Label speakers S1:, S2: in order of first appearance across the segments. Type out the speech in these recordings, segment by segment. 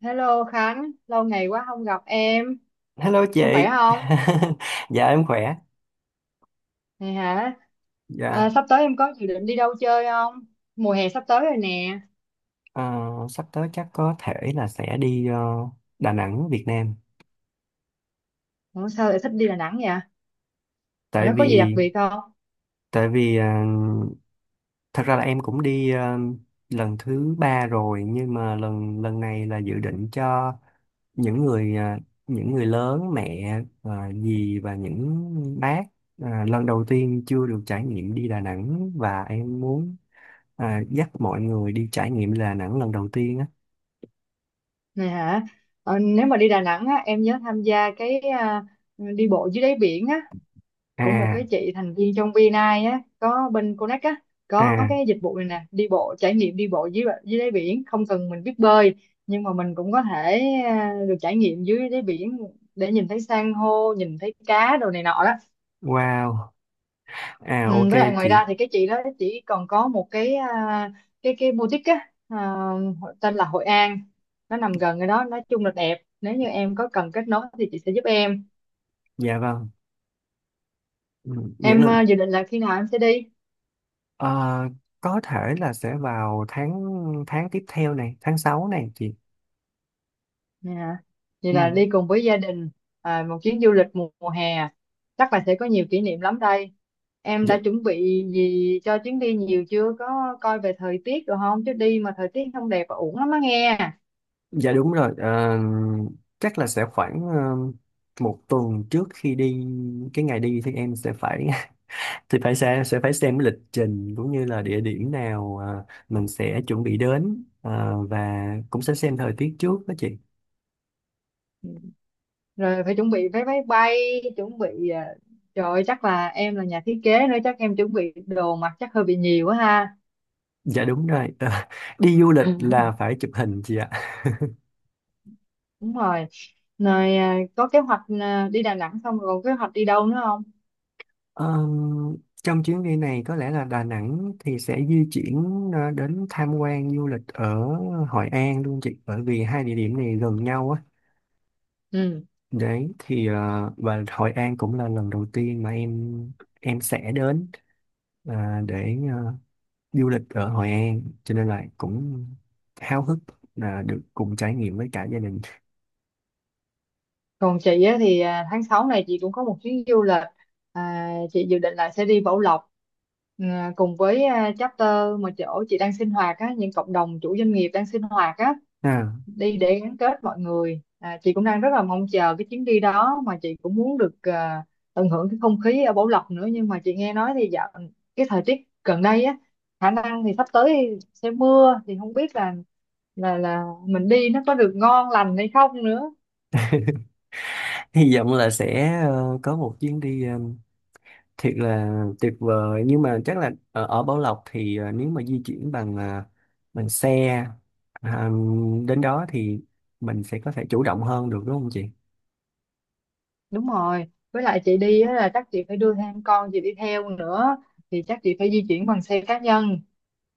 S1: Hello Khánh, lâu ngày quá không gặp
S2: Hello
S1: em khỏe
S2: chị,
S1: không?
S2: dạ em khỏe.
S1: Này hả?
S2: Dạ,
S1: Sắp tới em có dự định đi đâu chơi không? Mùa hè sắp tới rồi nè.
S2: ờ, sắp tới chắc có thể là sẽ đi Đà Nẵng, Việt Nam.
S1: Ủa, sao lại thích đi Đà Nẵng vậy? Ở
S2: Tại
S1: đó có gì đặc
S2: vì,
S1: biệt không?
S2: tại vì thật ra là em cũng đi lần thứ ba rồi, nhưng mà lần lần này là dự định cho những người ờ, những người lớn, mẹ, ờ, dì và những bác lần đầu tiên chưa được trải nghiệm đi Đà Nẵng, và em muốn ờ, dắt mọi người đi trải nghiệm Đà Nẵng lần đầu tiên á.
S1: Này hả? Nếu mà đi Đà Nẵng á, em nhớ tham gia cái đi bộ dưới đáy biển á, của một
S2: À.
S1: cái chị thành viên trong VNI á có bên Connect á, có
S2: À.
S1: cái dịch vụ này nè, đi bộ trải nghiệm đi bộ dưới dưới đáy biển, không cần mình biết bơi, nhưng mà mình cũng có thể được trải nghiệm dưới đáy biển để nhìn thấy san hô, nhìn thấy cá đồ này nọ đó.
S2: Wow, à
S1: Ừ,
S2: ok
S1: với lại ngoài
S2: chị,
S1: ra thì cái chị đó chỉ còn có một cái boutique tên là Hội An, nó nằm gần cái đó, nói chung là đẹp. Nếu như em có cần kết nối thì chị sẽ giúp em.
S2: dạ vâng, ừ, những
S1: Em
S2: lần
S1: dự định là khi nào em sẽ đi?
S2: ờ, có thể là sẽ vào tháng tháng tiếp theo này, tháng 6 này chị.
S1: Dạ. Vậy
S2: Ừ.
S1: là đi cùng với gia đình, một chuyến du lịch mùa hè à? Chắc là sẽ có nhiều kỷ niệm lắm đây. Em
S2: Dạ,
S1: đã chuẩn bị gì cho chuyến đi nhiều chưa? Có coi về thời tiết rồi không? Chứ đi mà thời tiết không đẹp và uổng lắm á nghe.
S2: dạ đúng rồi. Ờ, Chắc là sẽ khoảng một tuần trước khi đi, cái ngày đi thì em sẽ phải thì phải sẽ phải xem cái lịch trình cũng như là địa điểm nào mình sẽ chuẩn bị đến, và cũng sẽ xem thời tiết trước đó chị.
S1: Ừ. Rồi phải chuẩn bị vé máy bay, chuẩn bị trời ơi, chắc là em là nhà thiết kế nữa chắc em chuẩn bị đồ mặc chắc hơi bị nhiều quá ha.
S2: Dạ đúng rồi, đi du lịch là phải chụp hình chị ạ.
S1: Đúng rồi. Rồi có kế hoạch đi Đà Nẵng xong rồi còn kế hoạch đi đâu nữa không?
S2: Ờ, trong chuyến đi này có lẽ là Đà Nẵng thì sẽ di chuyển đến tham quan du lịch ở Hội An luôn chị, bởi vì hai địa điểm này gần nhau á,
S1: Ừ.
S2: đấy thì và Hội An cũng là lần đầu tiên mà em sẽ đến, để du lịch ở Hội An, cho nên là cũng háo hức là được cùng trải nghiệm với cả gia đình.
S1: Còn chị á, thì tháng 6 này chị cũng có một chuyến du lịch, chị dự định là sẽ đi Bảo Lộc, cùng với chapter mà chỗ chị đang sinh hoạt á, những cộng đồng chủ doanh nghiệp đang sinh hoạt á,
S2: à,
S1: đi để gắn kết mọi người. Chị cũng đang rất là mong chờ cái chuyến đi đó, mà chị cũng muốn được tận hưởng cái không khí ở Bảo Lộc nữa. Nhưng mà chị nghe nói thì dạo cái thời tiết gần đây á, khả năng thì sắp tới sẽ mưa, thì không biết là là mình đi nó có được ngon lành hay không nữa.
S2: hy vọng là sẽ có một chuyến đi thiệt là tuyệt vời, nhưng mà chắc là ở Bảo Lộc thì nếu mà di chuyển bằng xe ờ, đến đó thì mình sẽ có thể chủ động hơn được, đúng không chị?
S1: Đúng rồi, với lại chị đi á là chắc chị phải đưa thêm con chị đi theo nữa, thì chắc chị phải di chuyển bằng xe cá nhân,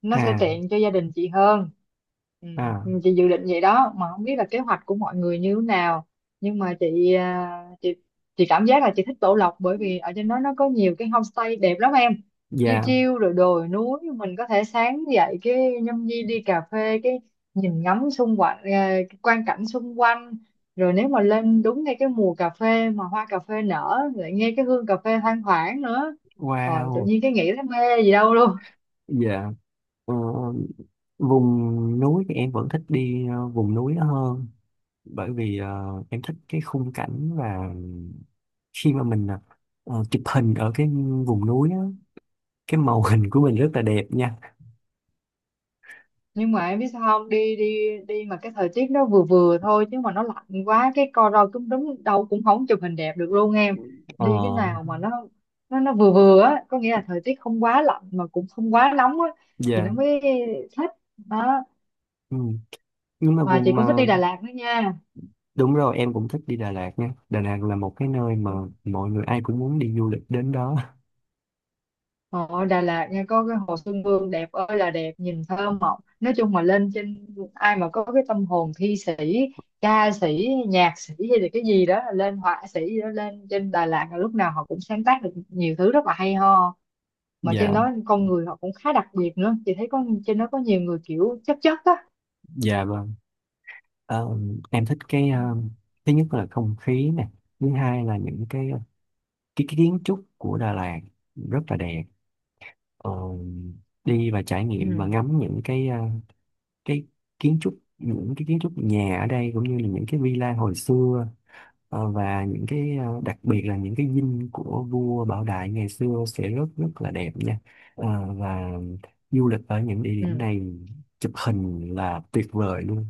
S1: nó sẽ
S2: À.
S1: tiện cho gia đình chị hơn. Ừ.
S2: À.
S1: Ừ, chị dự định vậy đó mà không biết là kế hoạch của mọi người như thế nào. Nhưng mà chị cảm giác là chị thích Tổ Lộc, bởi vì ở trên đó nó có nhiều cái homestay đẹp lắm em. Chiêu
S2: Dạ.
S1: chiêu rồi đồi núi, mình có thể sáng dậy cái nhâm nhi đi cà phê, cái nhìn ngắm xung quanh, cái quang cảnh xung quanh. Rồi nếu mà lên đúng ngay cái mùa cà phê mà hoa cà phê nở, lại nghe cái hương cà phê thoang thoảng nữa, rồi tự
S2: Wow.
S1: nhiên cái nghĩ thấy mê gì đâu luôn.
S2: Dạ. Ờ, vùng núi thì em vẫn thích đi vùng núi đó hơn, bởi vì em thích cái khung cảnh, và khi mà mình chụp hình ở cái vùng núi á, cái màu hình của mình rất là đẹp nha.
S1: Nhưng mà em biết sao không, đi đi đi mà cái thời tiết nó vừa vừa thôi, chứ mà nó lạnh quá cái co ro cúm đúng đâu cũng không chụp hình đẹp được luôn em. Đi cái
S2: Ờ.
S1: nào mà nó nó vừa vừa á, có nghĩa là thời tiết không quá lạnh mà cũng không quá nóng á, thì nó
S2: Dạ.
S1: mới thích đó.
S2: Ừ. Nhưng mà
S1: Mà chị
S2: vùng
S1: cũng thích
S2: mà
S1: đi Đà Lạt nữa nha.
S2: đúng rồi, em cũng thích đi Đà Lạt nha, Đà Lạt là một cái nơi mà mọi người ai cũng muốn đi du lịch đến đó.
S1: Họ Đà Lạt nha, có cái Hồ Xuân Hương đẹp ơi là đẹp, nhìn thơ mộng, nói chung mà lên trên, ai mà có cái tâm hồn thi sĩ, ca sĩ, nhạc sĩ hay là cái gì đó, lên họa sĩ gì đó, lên trên Đà Lạt là lúc nào họ cũng sáng tác được nhiều thứ rất là hay ho. Mà trên
S2: Dạ,
S1: đó con người họ cũng khá đặc biệt nữa, chị thấy có trên đó có nhiều người kiểu chất chất á.
S2: dạ, vâng. Ờ, em thích cái thứ nhất là không khí nè, thứ hai là những cái cái kiến trúc của Đà Lạt rất là đẹp. Ờ, Đi và trải nghiệm và
S1: Ừ.
S2: ngắm những cái cái kiến trúc, những cái kiến trúc nhà ở đây cũng như là những cái villa hồi xưa, và những cái đặc biệt là những cái dinh của vua Bảo Đại ngày xưa sẽ rất rất là đẹp nha. Và du lịch ở những địa điểm
S1: Ừ.
S2: này, chụp hình là tuyệt vời luôn.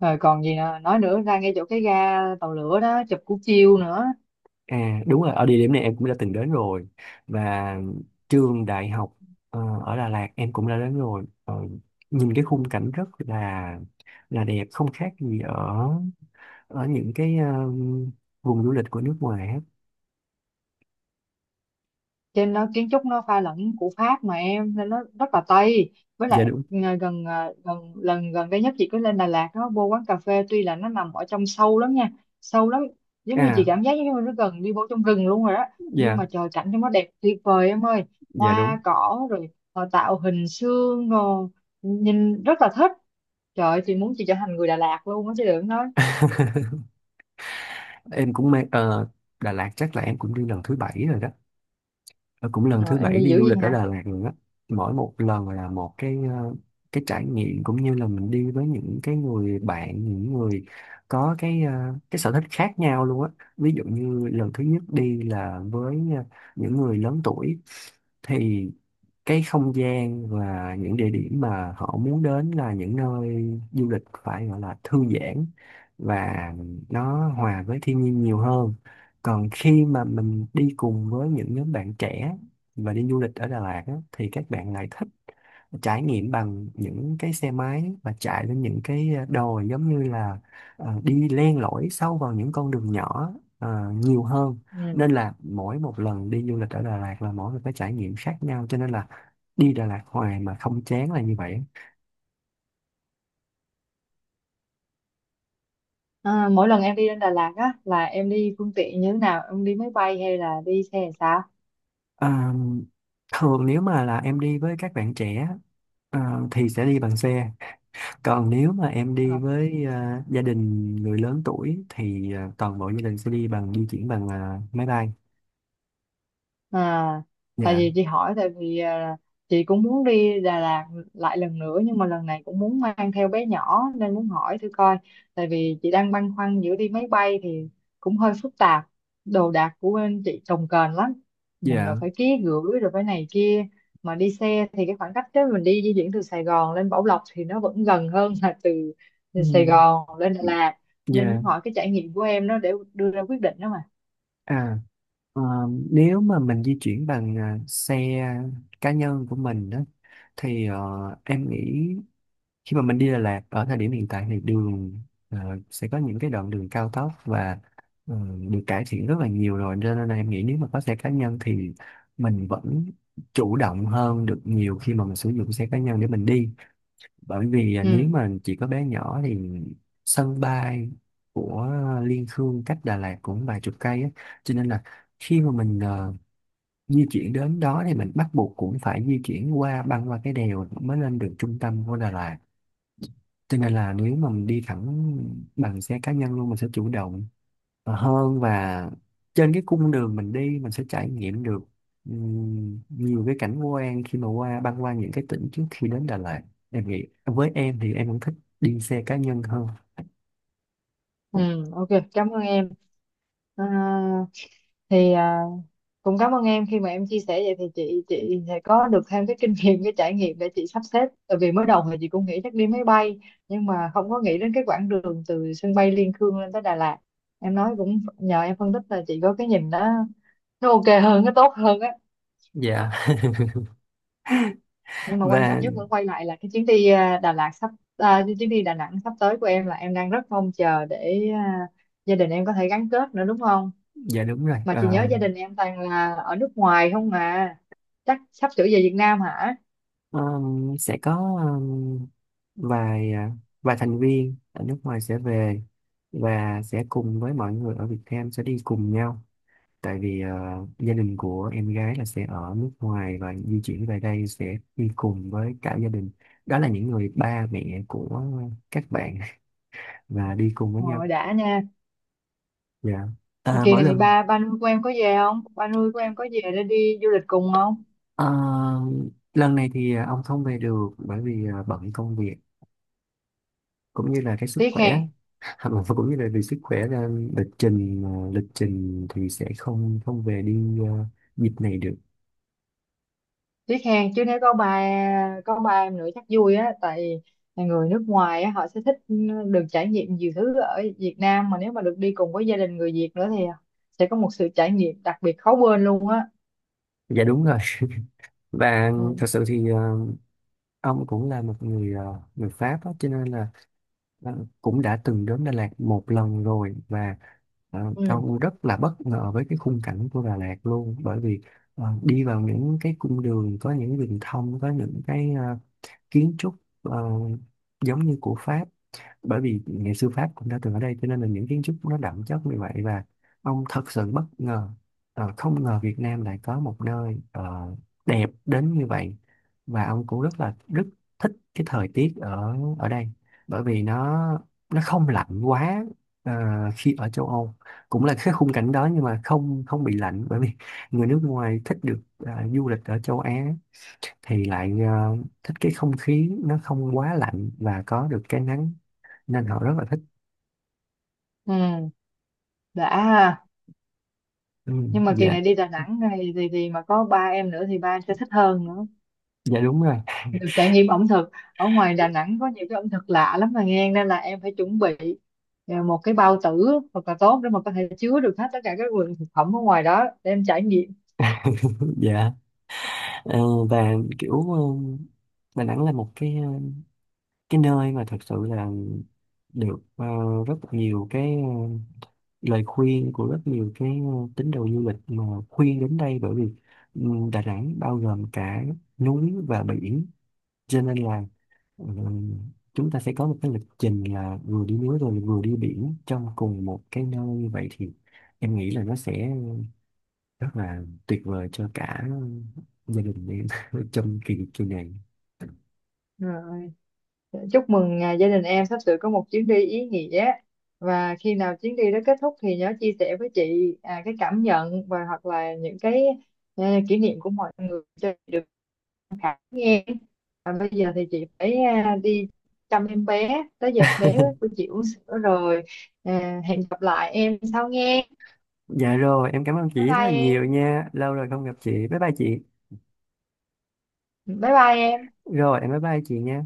S1: Rồi còn gì nữa nói nữa, ra ngay chỗ cái ga tàu lửa đó chụp cú chiêu nữa.
S2: À đúng rồi, ở địa điểm này em cũng đã từng đến rồi, và trường đại học ở Đà Lạt em cũng đã đến rồi. Ờ, Nhìn cái khung cảnh rất là đẹp, không khác gì ở ở những cái vùng du lịch của nước ngoài á.
S1: Trên đó kiến trúc nó pha lẫn của Pháp mà em, nên nó rất là Tây. Với
S2: Dạ
S1: lại
S2: đúng.
S1: gần gần lần gần đây nhất chị cứ lên Đà Lạt đó, vô quán cà phê, tuy là nó nằm ở trong sâu lắm nha, sâu lắm, giống như chị
S2: À.
S1: cảm giác giống như nó gần đi vô trong rừng luôn rồi đó. Nhưng
S2: Dạ,
S1: mà trời, cảnh trong nó đẹp tuyệt vời em ơi.
S2: dạ đúng.
S1: Hoa cỏ rồi họ tạo hình xương rồi, nhìn rất là thích. Trời ơi, chị muốn chị trở thành người Đà Lạt luôn á chứ đừng nói.
S2: Em cũng mê Đà Lạt, chắc là em cũng đi lần thứ bảy rồi đó. Ờ, Cũng lần thứ
S1: Rồi em
S2: bảy
S1: đi
S2: đi
S1: dữ
S2: du
S1: vậy
S2: lịch ở
S1: hả?
S2: Đà Lạt rồi đó. Mỗi một lần là một cái trải nghiệm, cũng như là mình đi với những cái người bạn, những người có cái sở thích khác nhau luôn á. Ví dụ như lần thứ nhất đi là với những người lớn tuổi, thì cái không gian và những địa điểm mà họ muốn đến là những nơi du lịch phải gọi là thư giãn và nó hòa với thiên nhiên nhiều hơn. Còn khi mà mình đi cùng với những nhóm bạn trẻ và đi du lịch ở Đà Lạt á, thì các bạn lại thích trải nghiệm bằng những cái xe máy và chạy lên những cái đồi, giống như là đi len lỏi sâu vào những con đường nhỏ nhiều hơn,
S1: Ừ.
S2: nên là mỗi một lần đi du lịch ở Đà Lạt là mỗi một cái trải nghiệm khác nhau, cho nên là đi Đà Lạt hoài mà không chán là như vậy.
S1: À, mỗi lần em đi lên Đà Lạt á là em đi phương tiện như thế nào? Em đi máy bay hay là đi xe hay sao?
S2: À, thường nếu mà là em đi với các bạn trẻ thì sẽ đi bằng xe. Còn nếu mà em đi với gia đình người lớn tuổi thì toàn bộ gia đình sẽ đi bằng, di chuyển bằng máy bay.
S1: À, tại
S2: Dạ.
S1: vì chị hỏi, tại vì chị cũng muốn đi Đà Lạt lại lần nữa, nhưng mà lần này cũng muốn mang theo bé nhỏ nên muốn hỏi thử coi. Tại vì chị đang băn khoăn, giữa đi máy bay thì cũng hơi phức tạp, đồ đạc của bên chị cồng kềnh lắm, mình rồi
S2: Dạ.
S1: phải ký gửi rồi phải này kia, mà đi xe thì cái khoảng cách đó mình đi di chuyển từ Sài Gòn lên Bảo Lộc thì nó vẫn gần hơn là từ Sài
S2: Ừ.
S1: Gòn lên Đà Lạt, nên
S2: Dạ.
S1: muốn hỏi cái trải nghiệm của em đó để đưa ra quyết định đó mà.
S2: À, ờ, nếu mà mình di chuyển bằng xe cá nhân của mình đó, thì em nghĩ khi mà mình đi Đà Lạt ở thời điểm hiện tại thì đường ờ, sẽ có những cái đoạn đường cao tốc, và ờ, được cải thiện rất là nhiều rồi, cho nên là em nghĩ nếu mà có xe cá nhân thì mình vẫn chủ động hơn được nhiều, khi mà mình sử dụng xe cá nhân để mình đi. Bởi vì nếu
S1: Ừ.
S2: mà chỉ có bé nhỏ thì sân bay của Liên Khương cách Đà Lạt cũng vài chục cây á, cho nên là khi mà mình di chuyển đến đó thì mình bắt buộc cũng phải di chuyển qua, băng qua cái đèo mới lên được trung tâm của Đà Lạt. Cho nên là nếu mà mình đi thẳng bằng xe cá nhân luôn, mình sẽ chủ động hơn, và trên cái cung đường mình đi mình sẽ trải nghiệm được nhiều cái cảnh quan khi mà qua, băng qua những cái tỉnh trước khi đến Đà Lạt. Em nghĩ với em thì em cũng thích đi xe cá nhân hơn.
S1: Ừ, ok, cảm ơn em. À, thì cũng cảm ơn em, khi mà em chia sẻ vậy thì chị sẽ có được thêm cái kinh nghiệm, cái trải nghiệm để chị sắp xếp. Tại vì mới đầu thì chị cũng nghĩ chắc đi máy bay, nhưng mà không có nghĩ đến cái quãng đường từ sân bay Liên Khương lên tới Đà Lạt. Em nói cũng nhờ em phân tích là chị có cái nhìn đó, nó ok hơn, nó tốt hơn á.
S2: Dạ.
S1: Nhưng mà quan
S2: Và
S1: trọng nhất vẫn quay lại là cái chuyến đi à, Đà Lạt sắp à, cái chuyến đi Đà Nẵng sắp tới của em, là em đang rất mong chờ để gia đình em có thể gắn kết nữa đúng không.
S2: dạ đúng rồi.
S1: Mà chị nhớ
S2: Ờ,
S1: gia đình em toàn là ở nước ngoài không à, chắc sắp sửa về Việt Nam hả.
S2: sẽ có vài à, vài thành viên ở nước ngoài sẽ về, và sẽ cùng với mọi người ở Việt Nam sẽ đi cùng nhau. Tại vì gia đình của em gái là sẽ ở nước ngoài và di chuyển về đây, sẽ đi cùng với cả gia đình, đó là những người ba mẹ của các bạn, và đi cùng với nhau.
S1: Rồi đã nha.
S2: Dạ. à,
S1: Kỳ
S2: mỗi
S1: này
S2: lần
S1: ba ba nuôi của em có về không, ba nuôi của em có về để đi du lịch cùng không?
S2: ờ, lần này thì ông không về được, bởi vì bận công việc cũng như là cái sức
S1: Tiếc hèn.
S2: khỏe. Mà cũng như là vì sức khỏe nên lịch trình, lịch trình thì sẽ không không về đi dịp này được.
S1: Tiếc hèn chứ, nếu có ba em nữa chắc vui á. Tại người nước ngoài á họ sẽ thích được trải nghiệm nhiều thứ ở Việt Nam, mà nếu mà được đi cùng với gia đình người Việt nữa thì sẽ có một sự trải nghiệm đặc biệt khó quên luôn á.
S2: Dạ đúng rồi. Và
S1: Ừ.
S2: thật sự thì ông cũng là người Pháp đó, cho nên là cũng đã từng đến Đà Lạt một lần rồi, và ờ,
S1: Ừ.
S2: ông rất là bất ngờ với cái khung cảnh của Đà Lạt luôn, bởi vì đi vào những cái cung đường có những đường thông, có những cái kiến trúc ờ, giống như của Pháp, bởi vì nghệ sư Pháp cũng đã từng ở đây cho nên là những kiến trúc nó đậm chất như vậy. Và ông thật sự bất ngờ, không ngờ Việt Nam lại có một nơi đẹp đến như vậy, và ông cũng rất là rất thích cái thời tiết ở ở đây, bởi vì nó không lạnh quá. ờ, Khi ở châu Âu cũng là cái khung cảnh đó nhưng mà không không bị lạnh, bởi vì người nước ngoài thích được du lịch ở châu Á thì lại thích cái không khí nó không quá lạnh và có được cái nắng, nên họ rất là thích.
S1: Ừ. Đã ha.
S2: Ừ.
S1: Nhưng mà kỳ
S2: Dạ,
S1: này đi Đà Nẵng này thì mà có ba em nữa thì ba em sẽ thích hơn nữa,
S2: dạ đúng rồi.
S1: được trải nghiệm ẩm thực. Ở ngoài Đà Nẵng có nhiều cái ẩm thực lạ lắm mà nghe, nên là em phải chuẩn bị một cái bao tử thật là tốt để mà có thể chứa được hết tất cả các nguồn thực phẩm ở ngoài đó để em trải nghiệm.
S2: Dạ. Ờ, và kiểu Đà Nẵng là một cái nơi mà thật sự là được rất nhiều cái lời khuyên của rất nhiều cái tín đồ du lịch mà khuyên đến đây, bởi vì ừ, Đà Nẵng bao gồm cả núi và biển. Cho nên là ừ, chúng ta sẽ có một cái lịch trình là vừa đi núi rồi vừa đi biển trong cùng một cái nơi, vậy thì em nghĩ là nó sẽ rất là tuyệt vời cho cả gia đình em trong kỳ kỳ này.
S1: Rồi. Chúc mừng gia đình em sắp sửa có một chuyến đi ý nghĩa. Và khi nào chuyến đi đó kết thúc thì nhớ chia sẻ với chị cái cảm nhận, và hoặc là những ờ, kỷ niệm của mọi người cho chị được tham khảo nghe. Và bây giờ thì chị phải đi chăm em bé, tới giờ bé của chị uống sữa rồi. À, hẹn gặp lại em sau nghe.
S2: Dạ rồi, em cảm ơn
S1: Bye
S2: chị rất là
S1: bye
S2: nhiều
S1: em.
S2: nha. Lâu rồi không gặp chị. Bye bye chị.
S1: Bye bye em.
S2: Rồi, em bye bye chị nha.